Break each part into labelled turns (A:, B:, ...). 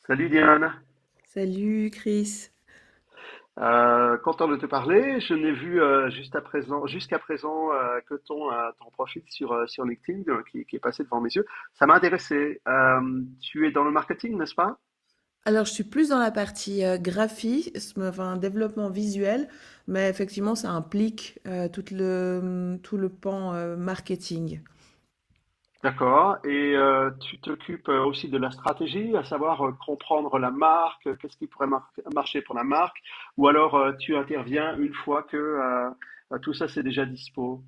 A: Salut Diane.
B: Salut Chris.
A: Content de te parler. Je n'ai vu, juste à présent, jusqu'à présent, que ton profil sur LinkedIn, qui est passé devant mes yeux. Ça m'a intéressé. Tu es dans le marketing, n'est-ce pas?
B: Alors, je suis plus dans la partie graphisme, enfin développement visuel, mais effectivement, ça implique tout le, tout le pan marketing.
A: D'accord. Et, tu t'occupes, aussi de la stratégie, à savoir, comprendre la marque, qu'est-ce qui pourrait marcher pour la marque, ou alors, tu interviens une fois que tout ça c'est déjà dispo.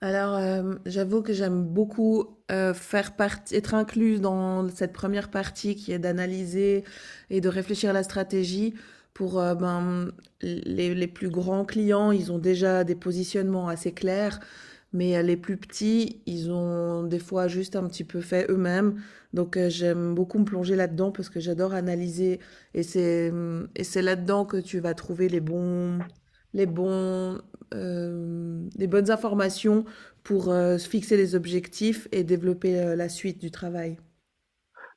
B: Alors, j'avoue que j'aime beaucoup faire partie, être incluse dans cette première partie qui est d'analyser et de réfléchir à la stratégie pour ben, les plus grands clients. Ils ont déjà des positionnements assez clairs. Mais les plus petits, ils ont des fois juste un petit peu fait eux-mêmes. Donc j'aime beaucoup me plonger là-dedans parce que j'adore analyser. Et c'est là-dedans que tu vas trouver les bons les bonnes informations pour se fixer les objectifs et développer la suite du travail.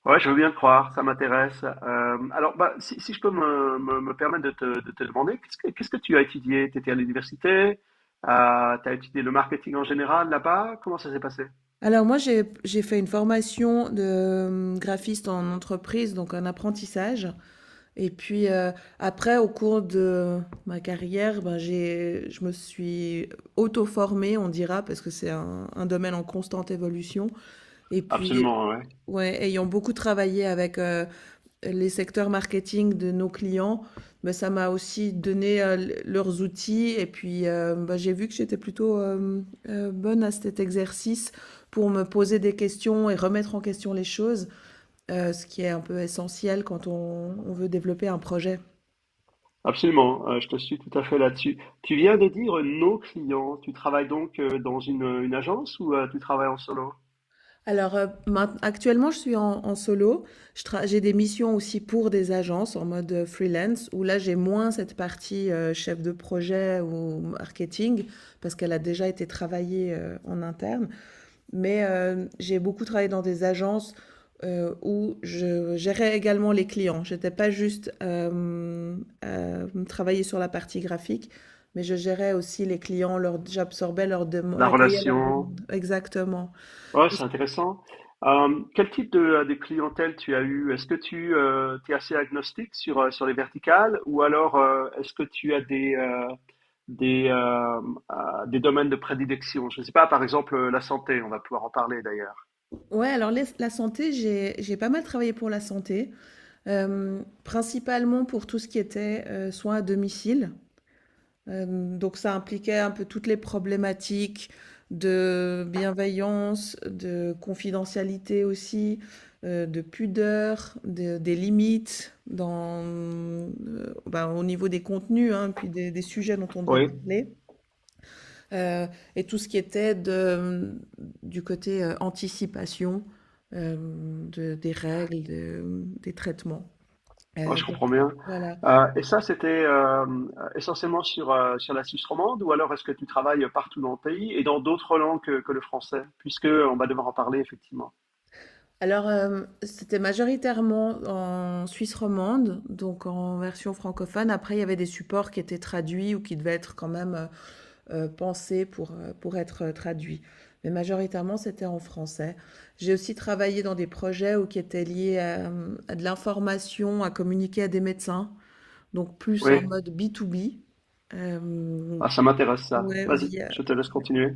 A: Ouais, je veux bien le croire, ça m'intéresse. Alors, bah, si je peux me permettre de te demander, qu'est-ce que tu as étudié? Tu étais à l'université? Tu as étudié le marketing en général là-bas? Comment ça s'est passé?
B: Alors moi j'ai fait une formation de graphiste en entreprise, donc un apprentissage. Et puis après au cours de ma carrière, ben, j'ai je me suis auto-formée on dira parce que c'est un domaine en constante évolution et puis
A: Absolument, ouais.
B: ouais, ayant beaucoup travaillé avec, les secteurs marketing de nos clients, ben ça m'a aussi donné, l leurs outils et puis, bah, j'ai vu que j'étais plutôt, bonne à cet exercice pour me poser des questions et remettre en question les choses, ce qui est un peu essentiel quand on veut développer un projet.
A: Absolument, je te suis tout à fait là-dessus. Tu viens de dire, nos clients. Tu travailles donc, dans une agence ou, tu travailles en solo?
B: Alors, maint actuellement, je suis en solo. Je tra J'ai des missions aussi pour des agences en mode, freelance où là, j'ai moins cette partie, chef de projet ou marketing parce qu'elle a déjà été travaillée, en interne. Mais, j'ai beaucoup travaillé dans des agences, où je gérais également les clients. J'étais pas juste, travailler sur la partie graphique, mais je gérais aussi les clients, leurs j'absorbais leurs demandes,
A: La
B: j'accueillais leurs
A: relation.
B: demandes. Exactement.
A: Ouais, c'est intéressant. Quel type de clientèle tu as eu? Est-ce que tu es assez agnostique sur les verticales ou alors, est-ce que tu as des, euh, des domaines de prédilection? Je ne sais pas, par exemple, la santé, on va pouvoir en parler d'ailleurs.
B: Ouais, alors la santé, j'ai pas mal travaillé pour la santé, principalement pour tout ce qui était soins à domicile. Donc ça impliquait un peu toutes les problématiques de bienveillance, de confidentialité aussi, de pudeur, des limites dans, ben, au niveau des contenus, hein, puis des sujets dont on devait
A: Oui,
B: parler. Euh, et tout ce qui était de, du côté anticipation euh, des règles, des traitements.
A: ouais, je
B: Donc,
A: comprends bien.
B: voilà.
A: Et ça, c'était, essentiellement sur la Suisse romande ou alors est-ce que tu travailles partout dans le pays et dans d'autres langues que le français, puisque on va devoir en parler effectivement.
B: Alors, c'était majoritairement en Suisse romande, donc en version francophone. Après, il y avait des supports qui étaient traduits ou qui devaient être quand même pensés pour être traduits. Mais majoritairement, c'était en français. J'ai aussi travaillé dans des projets où qui étaient liés à de l'information, à communiquer à des médecins. Donc plus en
A: Oui.
B: mode b to b. Hem,
A: Ah, ça m'intéresse ça.
B: ouais,
A: Vas-y,
B: via
A: je te laisse continuer.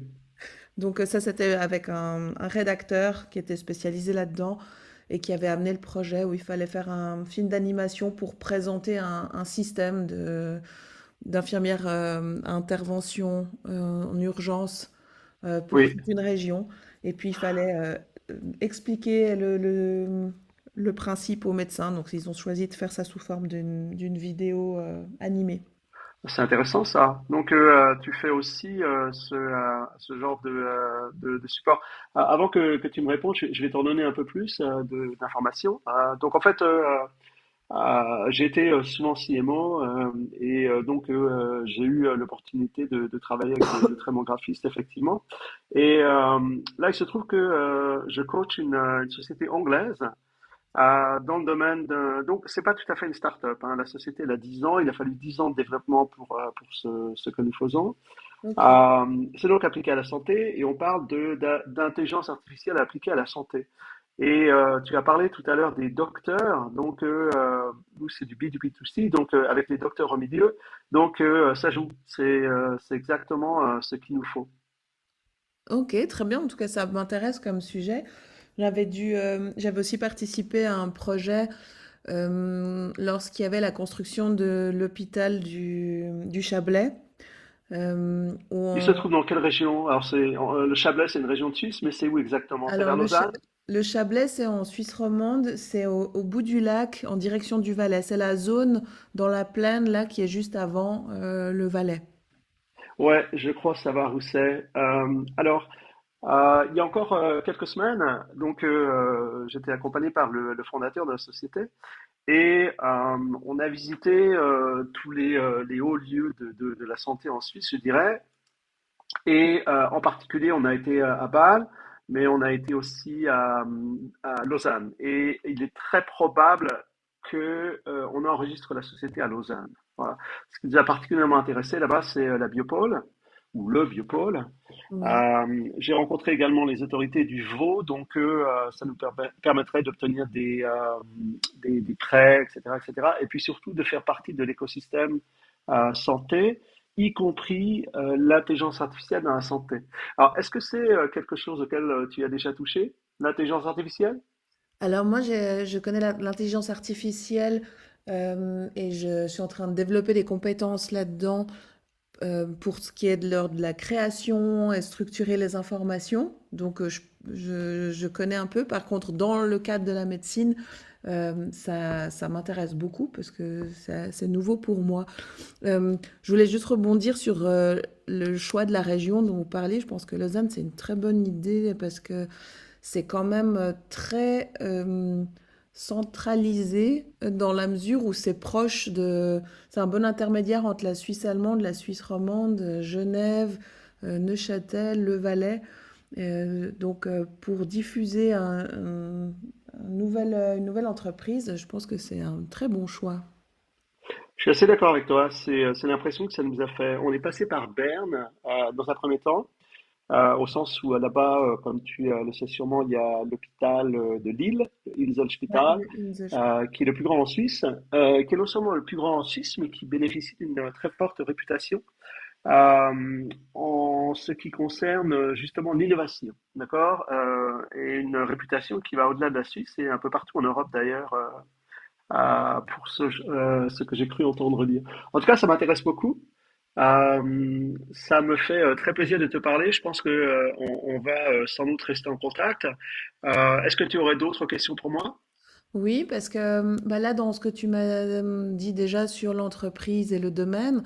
B: donc ça, c'était avec un rédacteur qui était spécialisé là-dedans et qui avait amené le projet où il fallait faire un film d'animation pour présenter un système de d'infirmières, à intervention, en urgence, pour
A: Oui,
B: toute une région et puis il fallait, expliquer le, le principe aux médecins, donc ils ont choisi de faire ça sous forme d'une vidéo, animée.
A: c'est intéressant ça. Donc, tu fais aussi, ce genre de support. Avant que tu me répondes, je vais t'en donner un peu plus, d'informations. Donc, en fait, j'ai été, souvent CMO, et, donc, j'ai eu, l'opportunité de travailler avec de très bons graphistes, effectivement. Et, là, il se trouve que, je coach une société anglaise. Dans le domaine de... Donc, c'est pas tout à fait une start-up, hein. La société, elle a 10 ans. Il a fallu 10 ans de développement pour, pour ce que nous faisons.
B: OK.
A: C'est donc appliqué à la santé et on parle d'intelligence artificielle appliquée à la santé. Et, tu as parlé tout à l'heure des docteurs. Donc, nous, c'est du B2B2C, donc, avec les docteurs au milieu. Donc, ça joue. C'est exactement, ce qu'il nous faut.
B: OK, très bien. En tout cas, ça m'intéresse comme sujet. J'avais dû, j'avais aussi participé à un projet, lorsqu'il y avait la construction de l'hôpital du Chablais, où
A: Il se
B: on
A: trouve dans quelle région? Alors, c'est, le Chablais, c'est une région de Suisse, mais c'est où exactement? C'est
B: alors
A: vers
B: le Cha
A: Lausanne?
B: le Chablais, c'est en Suisse romande, c'est au bout du lac, en direction du Valais. C'est la zone dans la plaine là qui est juste avant, le Valais.
A: Ouais, je crois savoir où c'est. Alors, il y a encore, quelques semaines, donc, j'étais accompagné par le fondateur de la société et, on a visité, tous les hauts lieux de la santé en Suisse, je dirais, et, en particulier, on a été, à Bâle, mais on a été aussi à Lausanne. Et il est très probable qu'on on enregistre la société à Lausanne. Voilà. Ce qui nous a particulièrement intéressé là-bas, c'est, la biopole ou le biopôle.
B: Ouais.
A: J'ai rencontré également les autorités du Vaud, donc, ça nous permettrait d'obtenir des, des prêts, etc., etc. Et cetera. Et puis surtout de faire partie de l'écosystème, santé, y compris, l'intelligence artificielle dans la santé. Alors, est-ce que c'est, quelque chose auquel, tu as déjà touché, l'intelligence artificielle?
B: Alors moi, j'ai je connais l'intelligence artificielle, hem et je suis en train de développer des compétences là-dedans. Pour ce qui est de l'ordre de la création et structurer les informations, donc je connais un peu. Par contre, dans le cadre de la médecine, ça m'intéresse beaucoup parce que c'est nouveau pour moi. Je voulais juste rebondir sur, le choix de la région dont vous parliez. Je pense que Lausanne, c'est une très bonne idée parce que, c'est quand même très centralisé dans la mesure où c'est proche de... C'est un bon intermédiaire entre la Suisse allemande, la Suisse romande, Genève, Neuchâtel, Le Valais. Donc pour diffuser un nouvel, une nouvelle entreprise, je pense que c'est un très bon choix.
A: Je suis assez d'accord avec toi. C'est l'impression que ça nous a fait. On est passé par Berne, dans un premier temps. Au sens où, là-bas, comme tu, le sais sûrement, il y a l'hôpital, de Lille,
B: Ouais,
A: Inselspital,
B: le Inselspiel.
A: qui est le plus grand en Suisse, qui est non seulement le plus grand en Suisse, mais qui bénéficie d'une, très forte réputation, en ce qui concerne, justement l'innovation, d'accord? Et une réputation qui va au-delà de la Suisse et un peu partout en Europe d'ailleurs, pour ce que j'ai cru entendre dire. En tout cas, ça m'intéresse beaucoup. Ça me fait, très plaisir de te parler. Je pense que, on va, sans doute rester en contact. Est-ce que tu aurais d'autres questions pour moi?
B: Oui, parce que bah là, dans ce que tu m'as dit déjà sur l'entreprise et le domaine,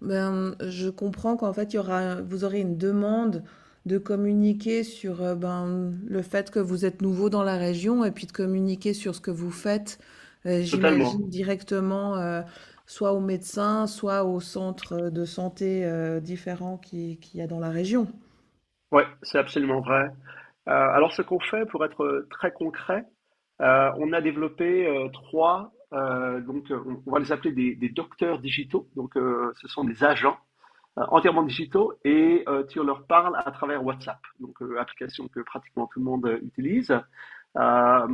B: ben, je comprends qu'en fait, vous aurez une demande de communiquer sur ben, le fait que vous êtes nouveau dans la région et puis de communiquer sur ce que vous faites,
A: Totalement.
B: j'imagine directement, soit aux médecins, soit aux centres de santé différents qu'il y a dans la région.
A: Ouais, c'est absolument vrai. Alors, ce qu'on fait, pour être, très concret, on a développé, trois, donc, on va les appeler des docteurs digitaux. Donc, ce sont des agents, entièrement digitaux et, tu leur parles à travers WhatsApp, donc, application que pratiquement tout le monde, utilise. Euh,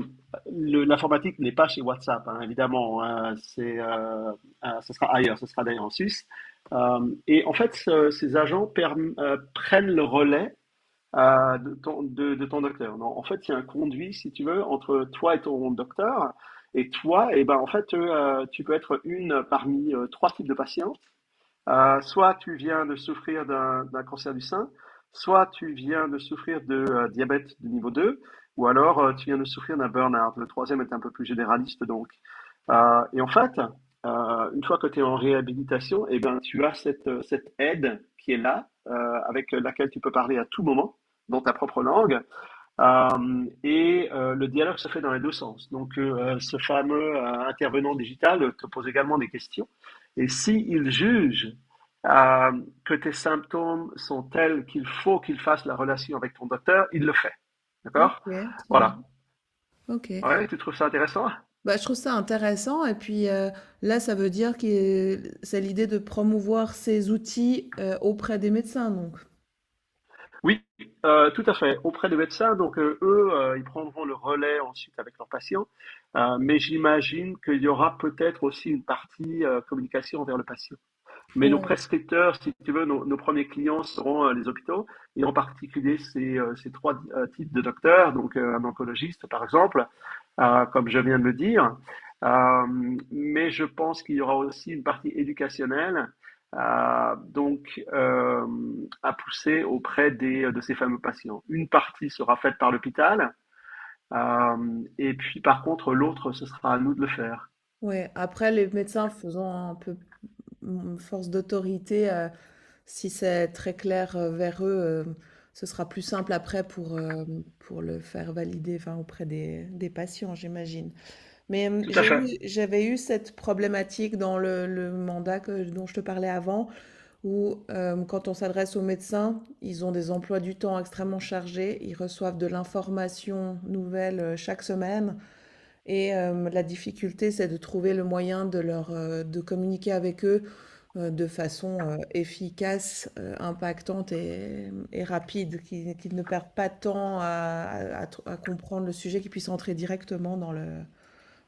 A: L'informatique n'est pas chez WhatsApp, hein, évidemment, hein, c'est, ce sera ailleurs, ce sera d'ailleurs en Suisse. Et en fait, ces agents prennent le relais, de ton docteur. Non, en fait, il y a un conduit, si tu veux, entre toi et ton docteur. Et toi, eh ben, en fait, tu peux être une parmi, trois types de patients. Soit tu viens de souffrir d'un cancer du sein, soit tu viens de souffrir de, diabète de niveau 2, ou alors, tu viens de souffrir d'un burn-out. Le troisième est un peu plus généraliste, donc. Et en fait, une fois que tu es en réhabilitation, eh bien, tu as cette aide qui est là, avec laquelle tu peux parler à tout moment dans ta propre langue, et, le dialogue se fait dans les deux sens. Donc, ce fameux, intervenant digital te pose également des questions. Et s'il juge, euh, que tes symptômes sont tels qu'il faut qu'il fasse la relation avec ton docteur, il le fait.
B: Ok,
A: D'accord.
B: très bien.
A: Voilà.
B: Ok.
A: Ouais, tu trouves ça intéressant?
B: Bah, je trouve ça intéressant et puis, là, ça veut dire que c'est l'idée de promouvoir ces outils, auprès des médecins donc?
A: Oui, tout à fait. Auprès des médecins, donc, eux, ils prendront le relais ensuite avec leurs patients. Mais j'imagine qu'il y aura peut-être aussi une partie, communication envers le patient. Mais nos
B: Ouais,
A: prescripteurs, si tu veux, nos premiers clients seront, les hôpitaux, et en particulier ces trois, types de docteurs, donc, un oncologiste par exemple, comme je viens de le dire. Euh, mais je pense qu'il y aura aussi une partie éducationnelle à, donc euh, à pousser auprès de ces fameux patients. Une partie sera faite par l'hôpital, et puis par contre l'autre, ce sera à nous de le faire.
B: ouais. Après les médecins faisant un peu, mmh, force d'autorité, si c'est très clair, vers eux, ce sera plus simple après pour, pour le faire valider, enfin, auprès des patients, j'imagine. Mais, hem,
A: Tout à
B: j'ai
A: fait,
B: eu j'avais eu cette problématique dans le mandat que dont je te parlais avant, où quand on s'adresse aux médecins, ils ont des emplois du temps extrêmement chargés, ils reçoivent de l'information nouvelle chaque semaine et la difficulté c'est de trouver le moyen de leur de communiquer avec eux de façon efficace, impactante et rapide, qu'ils ne perdent pas de temps à comprendre le sujet, qu'ils puissent entrer directement dans le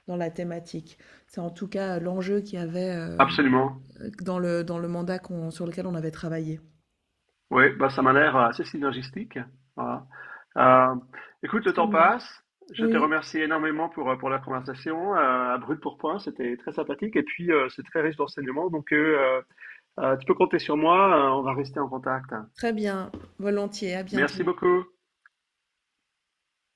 B: dans la thématique. C'est en tout cas l'enjeu qu'il y avait
A: absolument.
B: dans le mandat sur lequel on avait travaillé.
A: Oui, bah ça m'a l'air, assez synergistique. Voilà. Euh, écoute, le
B: Très
A: temps
B: bien.
A: passe. Je te
B: Oui,
A: remercie énormément pour la conversation. À brut pour point, c'était très sympathique et puis, c'est très riche d'enseignements. Donc, tu peux compter sur moi. On va rester en contact.
B: très bien. Volontiers, à
A: Merci
B: bientôt.
A: beaucoup.